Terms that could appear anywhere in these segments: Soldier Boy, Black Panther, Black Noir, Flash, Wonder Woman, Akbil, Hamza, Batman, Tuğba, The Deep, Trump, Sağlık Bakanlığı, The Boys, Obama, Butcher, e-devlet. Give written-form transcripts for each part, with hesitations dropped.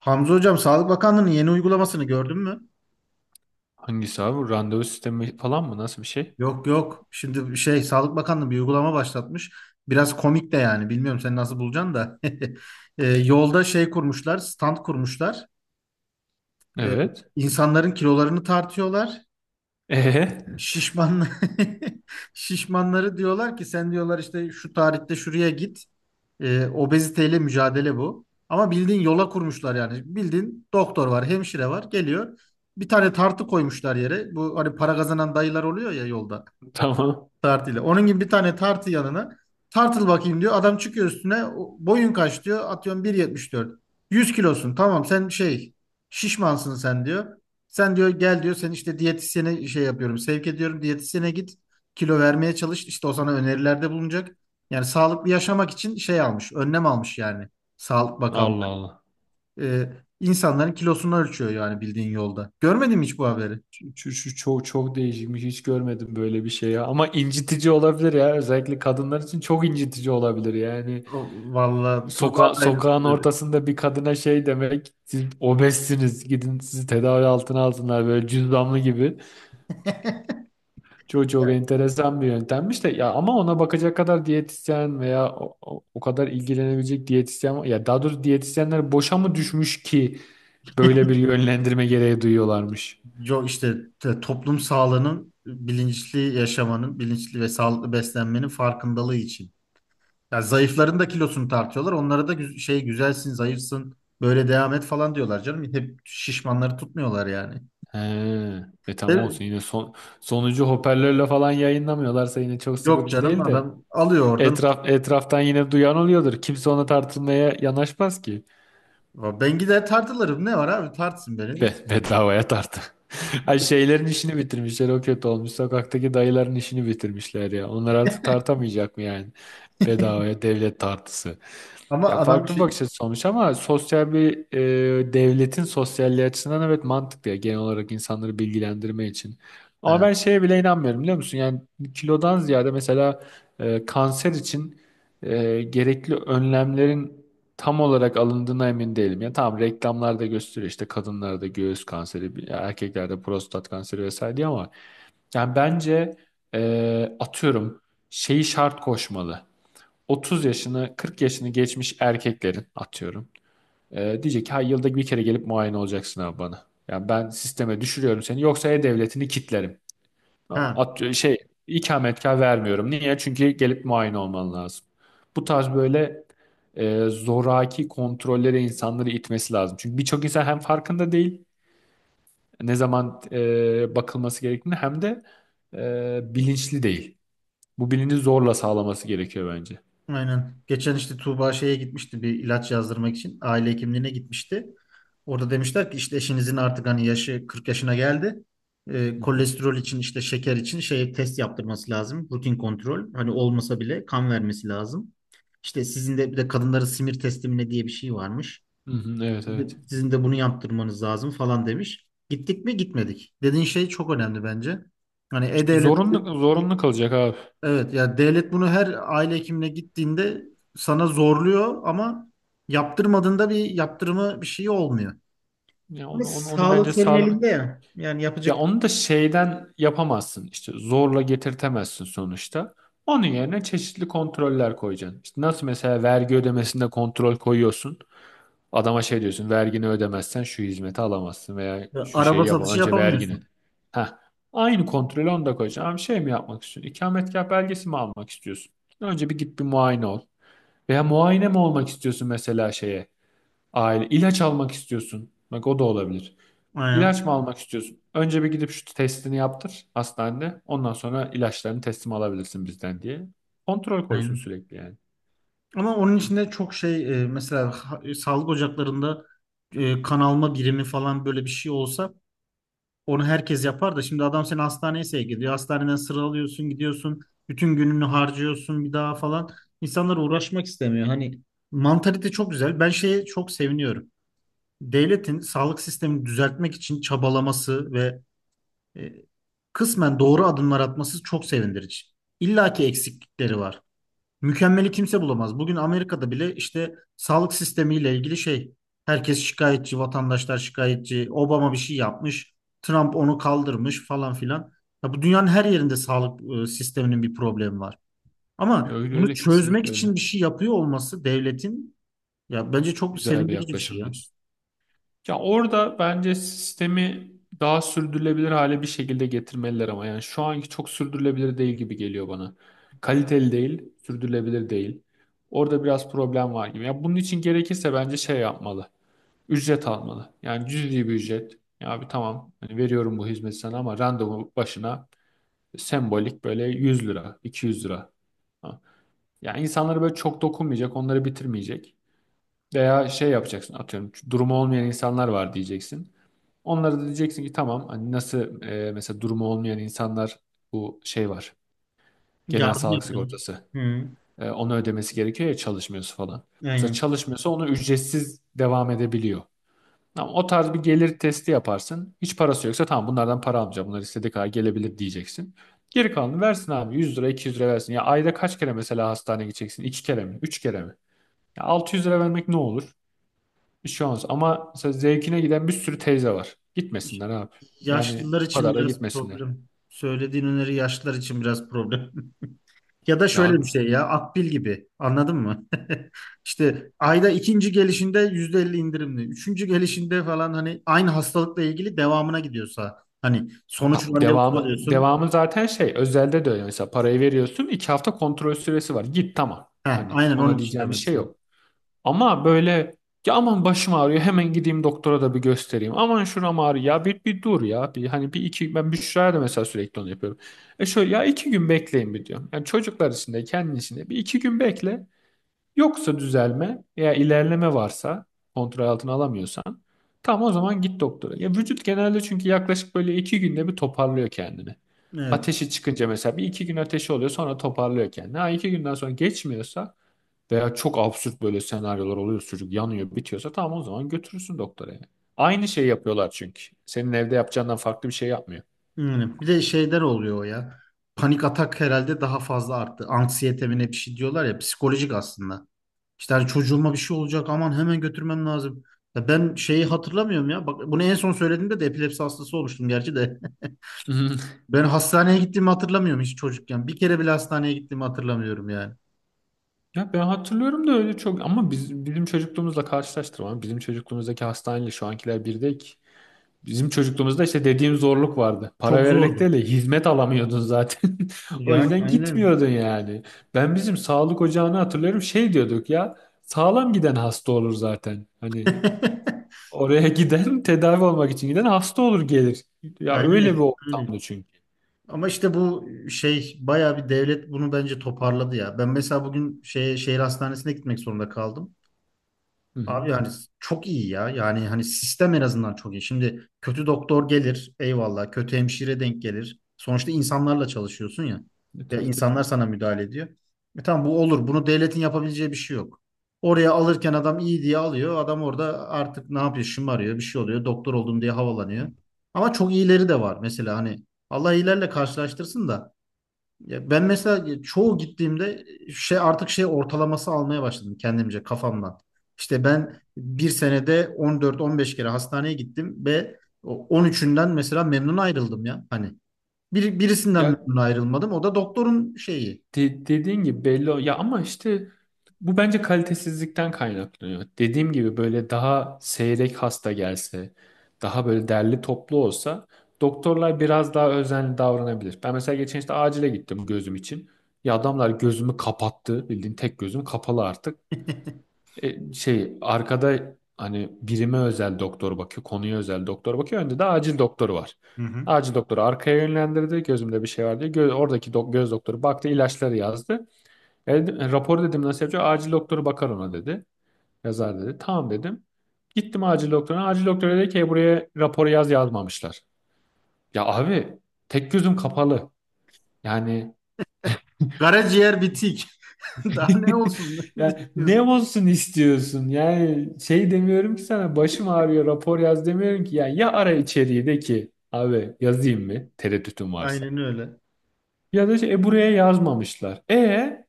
Hamza hocam Sağlık Bakanlığı'nın yeni uygulamasını gördün mü? Hangisi abi? Bu randevu sistemi falan mı? Nasıl bir şey? Yok yok. Şimdi bir şey Sağlık Bakanlığı bir uygulama başlatmış. Biraz komik de yani. Bilmiyorum sen nasıl bulacaksın da. Yolda şey kurmuşlar, stand kurmuşlar. E, Evet. insanların kilolarını tartıyorlar. Ee, Şişman şişmanları diyorlar ki sen diyorlar işte şu tarihte şuraya git. Obeziteyle mücadele bu. Ama bildiğin yola kurmuşlar yani. Bildiğin doktor var, hemşire var, geliyor. Bir tane tartı koymuşlar yere. Bu hani para kazanan dayılar oluyor ya yolda. tamam. Tartıyla. Onun gibi bir tane tartı yanına tartıl bakayım diyor. Adam çıkıyor üstüne. Boyun kaç diyor? Atıyorum 1,74. 100 kilosun. Tamam sen şey şişmansın sen diyor. Sen diyor gel diyor. Sen işte diyetisyene şey yapıyorum. Sevk ediyorum. Diyetisyene git. Kilo vermeye çalış. İşte o sana önerilerde bulunacak. Yani sağlıklı yaşamak için şey almış. Önlem almış yani. Sağlık Bakanlığı. Allah Allah. Ee, insanların kilosunu ölçüyor yani bildiğin yolda. Görmedin mi hiç bu haberi? Şu çok çok değişikmiş. Hiç görmedim böyle bir şey ya. Ama incitici olabilir ya. Özellikle kadınlar için çok incitici olabilir. Yani Vallahi Tuğba da sokağın aynısını dedi. ortasında bir kadına şey demek. Siz obezsiniz. Gidin sizi tedavi altına alsınlar böyle cüzdanlı gibi. Çok çok enteresan bir yöntemmiş de ya ama ona bakacak kadar diyetisyen veya o kadar ilgilenebilecek ya daha doğrusu diyetisyenler boşa mı düşmüş ki böyle bir yönlendirme gereği duyuyorlarmış. Yo, işte toplum sağlığının bilinçli yaşamanın, bilinçli ve sağlıklı beslenmenin farkındalığı için. Ya zayıfların da kilosunu tartıyorlar. Onlara da şey güzelsin, zayıfsın, böyle devam et falan diyorlar canım. Hep şişmanları tutmuyorlar yani. He. E E, tamam olsun yine sonucu hoparlörle falan yayınlamıyorlarsa yine çok yok sıkıntı canım, değil de adam alıyor oradan. etraf etraftan yine duyan oluyordur. Kimse ona tartılmaya yanaşmaz ki. Ben gider tartılırım. Ne var abi, tartsın beni. Bedavaya tartı. Ay şeylerin işini bitirmişler o kötü olmuş. Sokaktaki dayıların işini bitirmişler ya. Onlar artık tartamayacak mı yani? Bedavaya devlet tartısı. Ama Ya adam farklı bir şey. bakış açısı olmuş ama sosyal bir devletin sosyalliği açısından evet mantıklı ya genel olarak insanları bilgilendirme için. Ama Evet. ben şeye bile inanmıyorum biliyor musun? Yani kilodan ziyade mesela kanser için gerekli önlemlerin tam olarak alındığına emin değilim. Ya tamam reklamlarda gösteriyor işte kadınlarda göğüs kanseri, erkeklerde prostat kanseri vesaire diye ama yani bence atıyorum şeyi şart koşmalı. 30 yaşını 40 yaşını geçmiş erkeklerin atıyorum. Diyecek ki ha yılda bir kere gelip muayene olacaksın abi bana. Yani ben sisteme düşürüyorum seni yoksa e-devletini kitlerim. Tamam, Ha. Şey ikametgah vermiyorum. Niye? Çünkü gelip muayene olman lazım. Bu tarz böyle zoraki kontrollere insanları itmesi lazım. Çünkü birçok insan hem farkında değil ne zaman bakılması gerektiğini hem de bilinçli değil. Bu bilinci zorla sağlaması gerekiyor bence. Aynen. Geçen işte Tuğba şeye gitmişti bir ilaç yazdırmak için. Aile hekimliğine gitmişti. Orada demişler ki işte eşinizin artık hani yaşı 40 yaşına geldi. Ee, Hı hı. kolesterol için işte şeker için şey test yaptırması lazım. Rutin kontrol. Hani olmasa bile kan vermesi lazım. İşte sizin de bir de kadınların simir testi mi ne diye bir şey varmış. Hı hı, evet Bir de evet. sizin de bunu yaptırmanız lazım falan demiş. Gittik mi? Gitmedik. Dediğin şey çok önemli bence. Hani İşte e-devlet. zorunlu zorunlu kalacak abi. Evet, ya devlet bunu her aile hekimine gittiğinde sana zorluyor ama yaptırmadığında bir yaptırımı bir şey olmuyor. Ya Ama onu sağlık bence senin sağlam. elinde ya. Yani Ya yapacak. onu da şeyden yapamazsın. İşte zorla getirtemezsin sonuçta. Onun yerine çeşitli kontroller koyacaksın. İşte nasıl mesela vergi ödemesinde kontrol koyuyorsun. Adama şey diyorsun, vergini ödemezsen şu hizmeti alamazsın veya Ya, şu araba şeyi yap. satışı Önce vergini. yapamıyorsun. Ha, aynı kontrolü onu da koyacaksın. Abi şey mi yapmak istiyorsun? İkametgah belgesi mi almak istiyorsun? Önce bir git bir muayene ol. Veya muayene mi olmak istiyorsun mesela şeye? Aile ilaç almak istiyorsun. Bak o da olabilir. Aynen. İlaç mı almak istiyorsun? Önce bir gidip şu testini yaptır hastanede. Ondan sonra ilaçlarını teslim alabilirsin bizden diye. Kontrol koysun Aynen. sürekli yani. Ama onun içinde çok şey, mesela sağlık ocaklarında kan alma birimi falan böyle bir şey olsa. Onu herkes yapar da şimdi adam seni hastaneye sevk ediyor. Hastaneden sıra alıyorsun, gidiyorsun. Bütün gününü harcıyorsun bir daha falan. İnsanlar uğraşmak istemiyor. Hani mantalite çok güzel. Ben şeye çok seviniyorum. Devletin sağlık sistemini düzeltmek için çabalaması ve e, kısmen doğru adımlar atması çok sevindirici. İlla ki eksiklikleri var. Mükemmeli kimse bulamaz. Bugün Amerika'da bile işte sağlık sistemiyle ilgili şey, herkes şikayetçi, vatandaşlar şikayetçi. Obama bir şey yapmış, Trump onu kaldırmış falan filan. Ya bu dünyanın her yerinde sağlık sisteminin bir problemi var. Ama Öyle bunu öyle çözmek kesinlikle için öyle. bir şey yapıyor olması devletin, ya bence çok Güzel bir sevindirici bir şey yaklaşım ya. diyorsun. Ya orada bence sistemi daha sürdürülebilir hale bir şekilde getirmeliler ama yani şu anki çok sürdürülebilir değil gibi geliyor bana. Kaliteli değil, sürdürülebilir değil. Orada biraz problem var gibi. Ya bunun için gerekirse bence şey yapmalı. Ücret almalı. Yani cüzi bir ücret. Ya abi tamam hani veriyorum bu hizmeti sana ama randevu başına sembolik böyle 100 lira, 200 lira. Ha. Yani insanları böyle çok dokunmayacak, onları bitirmeyecek. Veya şey yapacaksın atıyorum durumu olmayan insanlar var diyeceksin. Onlara da diyeceksin ki tamam hani nasıl mesela durumu olmayan insanlar bu şey var. Genel Yardım sağlık yapıyorlar. sigortası. Hı, Onu ödemesi gerekiyor ya çalışmıyorsa falan. Mesela aynen. çalışmıyorsa onu ücretsiz devam edebiliyor. Ama o tarz bir gelir testi yaparsın. Hiç parası yoksa tamam bunlardan para almayacağım. Bunlar istediği kadar gelebilir diyeceksin. Geri kalanını versin abi. 100 lira 200 lira versin. Ya ayda kaç kere mesela hastaneye gideceksin? 2 kere mi? 3 kere mi? Ya 600 lira vermek ne olur? Bir şey olmaz. Ama mesela zevkine giden bir sürü teyze var. Gitmesinler abi. Yani Yaşlılar bu için kadar da biraz gitmesinler. problem. Söylediğin öneri yaşlılar için biraz problem. Ya da şöyle Ya bir şey ya, Akbil gibi anladın mı? İşte ayda ikinci gelişinde %50 indirimli. Üçüncü gelişinde falan hani aynı hastalıkla ilgili devamına gidiyorsa hani sonuç randevusu devamı alıyorsun. devamı zaten şey özelde de öyle. Mesela parayı veriyorsun 2 hafta kontrol süresi var. Git tamam. Heh, Hani aynen onun ona için diyeceğim bir demek şey istedim. yok. Ama böyle ya aman başım ağrıyor hemen gideyim doktora da bir göstereyim. Aman şuram ağrıyor ya bir dur ya. Hani bir iki ben Büşra'ya da mesela sürekli onu yapıyorum. E şöyle ya iki gün bekleyin bir diyorum. Yani çocuklar için de kendin için de bir iki gün bekle. Yoksa düzelme veya ilerleme varsa kontrol altına alamıyorsan tam o zaman git doktora. Ya vücut genelde çünkü yaklaşık böyle iki günde bir toparlıyor kendini. Evet. Ateşi çıkınca mesela bir iki gün ateşi oluyor sonra toparlıyor kendini. Ha iki günden sonra geçmiyorsa veya çok absürt böyle senaryolar oluyor. Çocuk yanıyor, bitiyorsa tamam o zaman götürürsün doktora yani. Aynı şeyi yapıyorlar çünkü. Senin evde yapacağından farklı bir şey yapmıyor. Yani bir de şeyler oluyor o ya. Panik atak herhalde daha fazla arttı. Anksiyete mi ne bir şey diyorlar ya, psikolojik aslında. İşte hani çocuğuma bir şey olacak, aman hemen götürmem lazım. Ya ben şeyi hatırlamıyorum ya. Bak, bunu en son söylediğimde de epilepsi hastası olmuştum gerçi de. Ben hastaneye gittiğimi hatırlamıyorum hiç çocukken. Bir kere bile hastaneye gittiğimi hatırlamıyorum yani. Ya ben hatırlıyorum da öyle çok ama bizim çocukluğumuzla karşılaştırma. Bizim çocukluğumuzdaki hastaneyle şu ankiler bir değil ki. Bizim çocukluğumuzda işte dediğim zorluk vardı. Para Çok vererek zordu. değil de hizmet alamıyordun zaten. O Yani yüzden aynen. gitmiyordun yani. Ben bizim sağlık ocağını hatırlıyorum şey diyorduk ya sağlam giden hasta olur zaten. Hani oraya giden tedavi olmak için giden hasta olur gelir. Ya Aynen öyle bir eskiden öyle. ortamdı çünkü. Ama işte bu şey, bayağı bir devlet bunu bence toparladı ya. Ben mesela bugün şey, şehir hastanesine gitmek zorunda kaldım. Hı hı. Abi yani çok iyi ya. Yani hani sistem en azından çok iyi. Şimdi kötü doktor gelir, eyvallah. Kötü hemşire denk gelir. Sonuçta insanlarla çalışıyorsun ya. Ya Tabii insanlar tabii. sana müdahale ediyor. Tamam bu olur. Bunu devletin yapabileceği bir şey yok. Oraya alırken adam iyi diye alıyor. Adam orada artık ne yapıyor? Şımarıyor, bir şey oluyor. Doktor oldum diye havalanıyor. Ama çok iyileri de var. Mesela hani Allah iyilerle karşılaştırsın da, ya ben mesela çoğu gittiğimde şey, artık şey ortalaması almaya başladım kendimce kafamdan. İşte ben bir senede 14-15 kere hastaneye gittim ve o 13'ünden mesela memnun ayrıldım ya. Hani birisinden Ya memnun ayrılmadım. O da doktorun şeyi. Dediğin gibi belli o. Ya ama işte bu bence kalitesizlikten kaynaklanıyor. Dediğim gibi böyle daha seyrek hasta gelse, daha böyle derli toplu olsa doktorlar biraz daha özenli davranabilir. Ben mesela geçen işte acile gittim gözüm için. Ya adamlar gözümü kapattı. Bildiğin tek gözüm kapalı artık. Şey arkada hani birime özel doktor bakıyor, konuya özel doktor bakıyor. Önde de acil doktoru var. Hı hı. Acil doktoru arkaya yönlendirdi. Gözümde bir şey var diye. Oradaki göz doktoru baktı, ilaçları yazdı. Rapor dedim nasıl yapacağım? Acil doktoru bakar ona dedi. Yazar dedi. Tamam dedim. Gittim acil doktoruna. Acil doktor dedi ki "E, buraya raporu yazmamışlar. Ya abi tek gözüm kapalı. Yani Karaciğer bitik. Daha ne olsun? Ne Yani ne diyorsun? olsun istiyorsun? Yani şey demiyorum ki sana başım ağrıyor rapor yaz demiyorum ki. Yani ya ara içeriği de ki abi yazayım mı tereddütün varsa. Aynen öyle. Ya da şey, "E, buraya yazmamışlar. E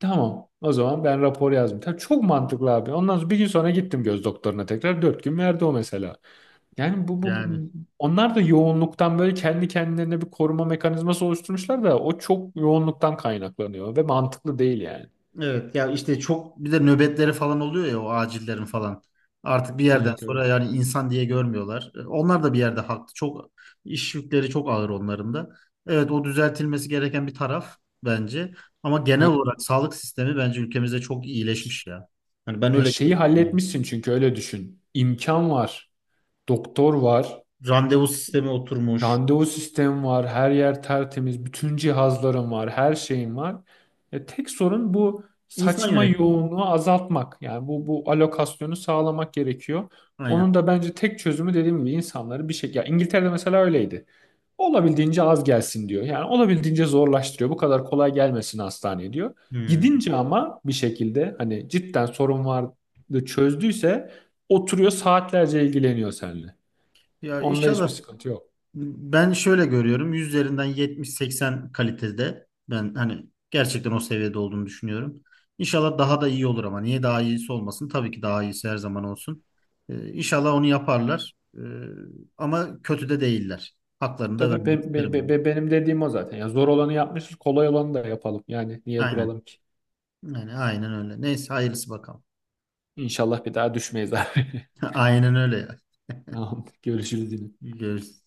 tamam o zaman ben rapor yazdım. Tabii çok mantıklı abi. Ondan sonra bir gün sonra gittim göz doktoruna tekrar. Dört gün verdi o mesela. Yani bu Yani. onlar da yoğunluktan böyle kendi kendilerine bir koruma mekanizması oluşturmuşlar da o çok yoğunluktan kaynaklanıyor ve mantıklı değil yani. Evet ya, işte çok bir de nöbetleri falan oluyor ya o acillerin falan. Artık bir yerden Evet sonra evet. yani insan diye görmüyorlar. Onlar da bir yerde haklı. Çok iş yükleri çok ağır onların da. Evet, o düzeltilmesi gereken bir taraf bence. Ama genel Ya olarak sağlık sistemi bence ülkemizde çok iyileşmiş ya. Hani ben Ya öyle şeyi görüyorum. halletmişsin çünkü öyle düşün. İmkan var, doktor var, Randevu sistemi oturmuş. randevu sistemi var, her yer tertemiz, bütün cihazların var, her şeyin var. E, tek sorun bu İnsan saçma yönetimi. yoğunluğu azaltmak. Yani bu alokasyonu sağlamak gerekiyor. Aynen. Onun da bence tek çözümü dediğim gibi insanları bir şey... Ya İngiltere'de mesela öyleydi. Olabildiğince az gelsin diyor. Yani olabildiğince zorlaştırıyor. Bu kadar kolay gelmesin hastaneye diyor. Hmm. Gidince ama bir şekilde hani cidden sorun vardı çözdüyse oturuyor saatlerce ilgileniyor seninle. Ya Onda hiçbir inşallah. sıkıntı yok. Ben şöyle görüyorum. 100 üzerinden 70-80 kalitede. Ben hani gerçekten o seviyede olduğunu düşünüyorum. İnşallah daha da iyi olur ama niye daha iyisi olmasın? Tabii ki daha iyisi her zaman olsun. İnşallah onu yaparlar. Ama kötü de değiller. Haklarını da Tabii vermek isterim, yani. Benim dediğim o zaten. Ya zor olanı yapmışız, kolay olanı da yapalım. Yani niye Aynen. duralım ki? Yani aynen öyle. Neyse hayırlısı bakalım. İnşallah bir daha düşmeyiz abi. Aynen öyle ya. Tamam, görüşürüz yine. Görüşürüz.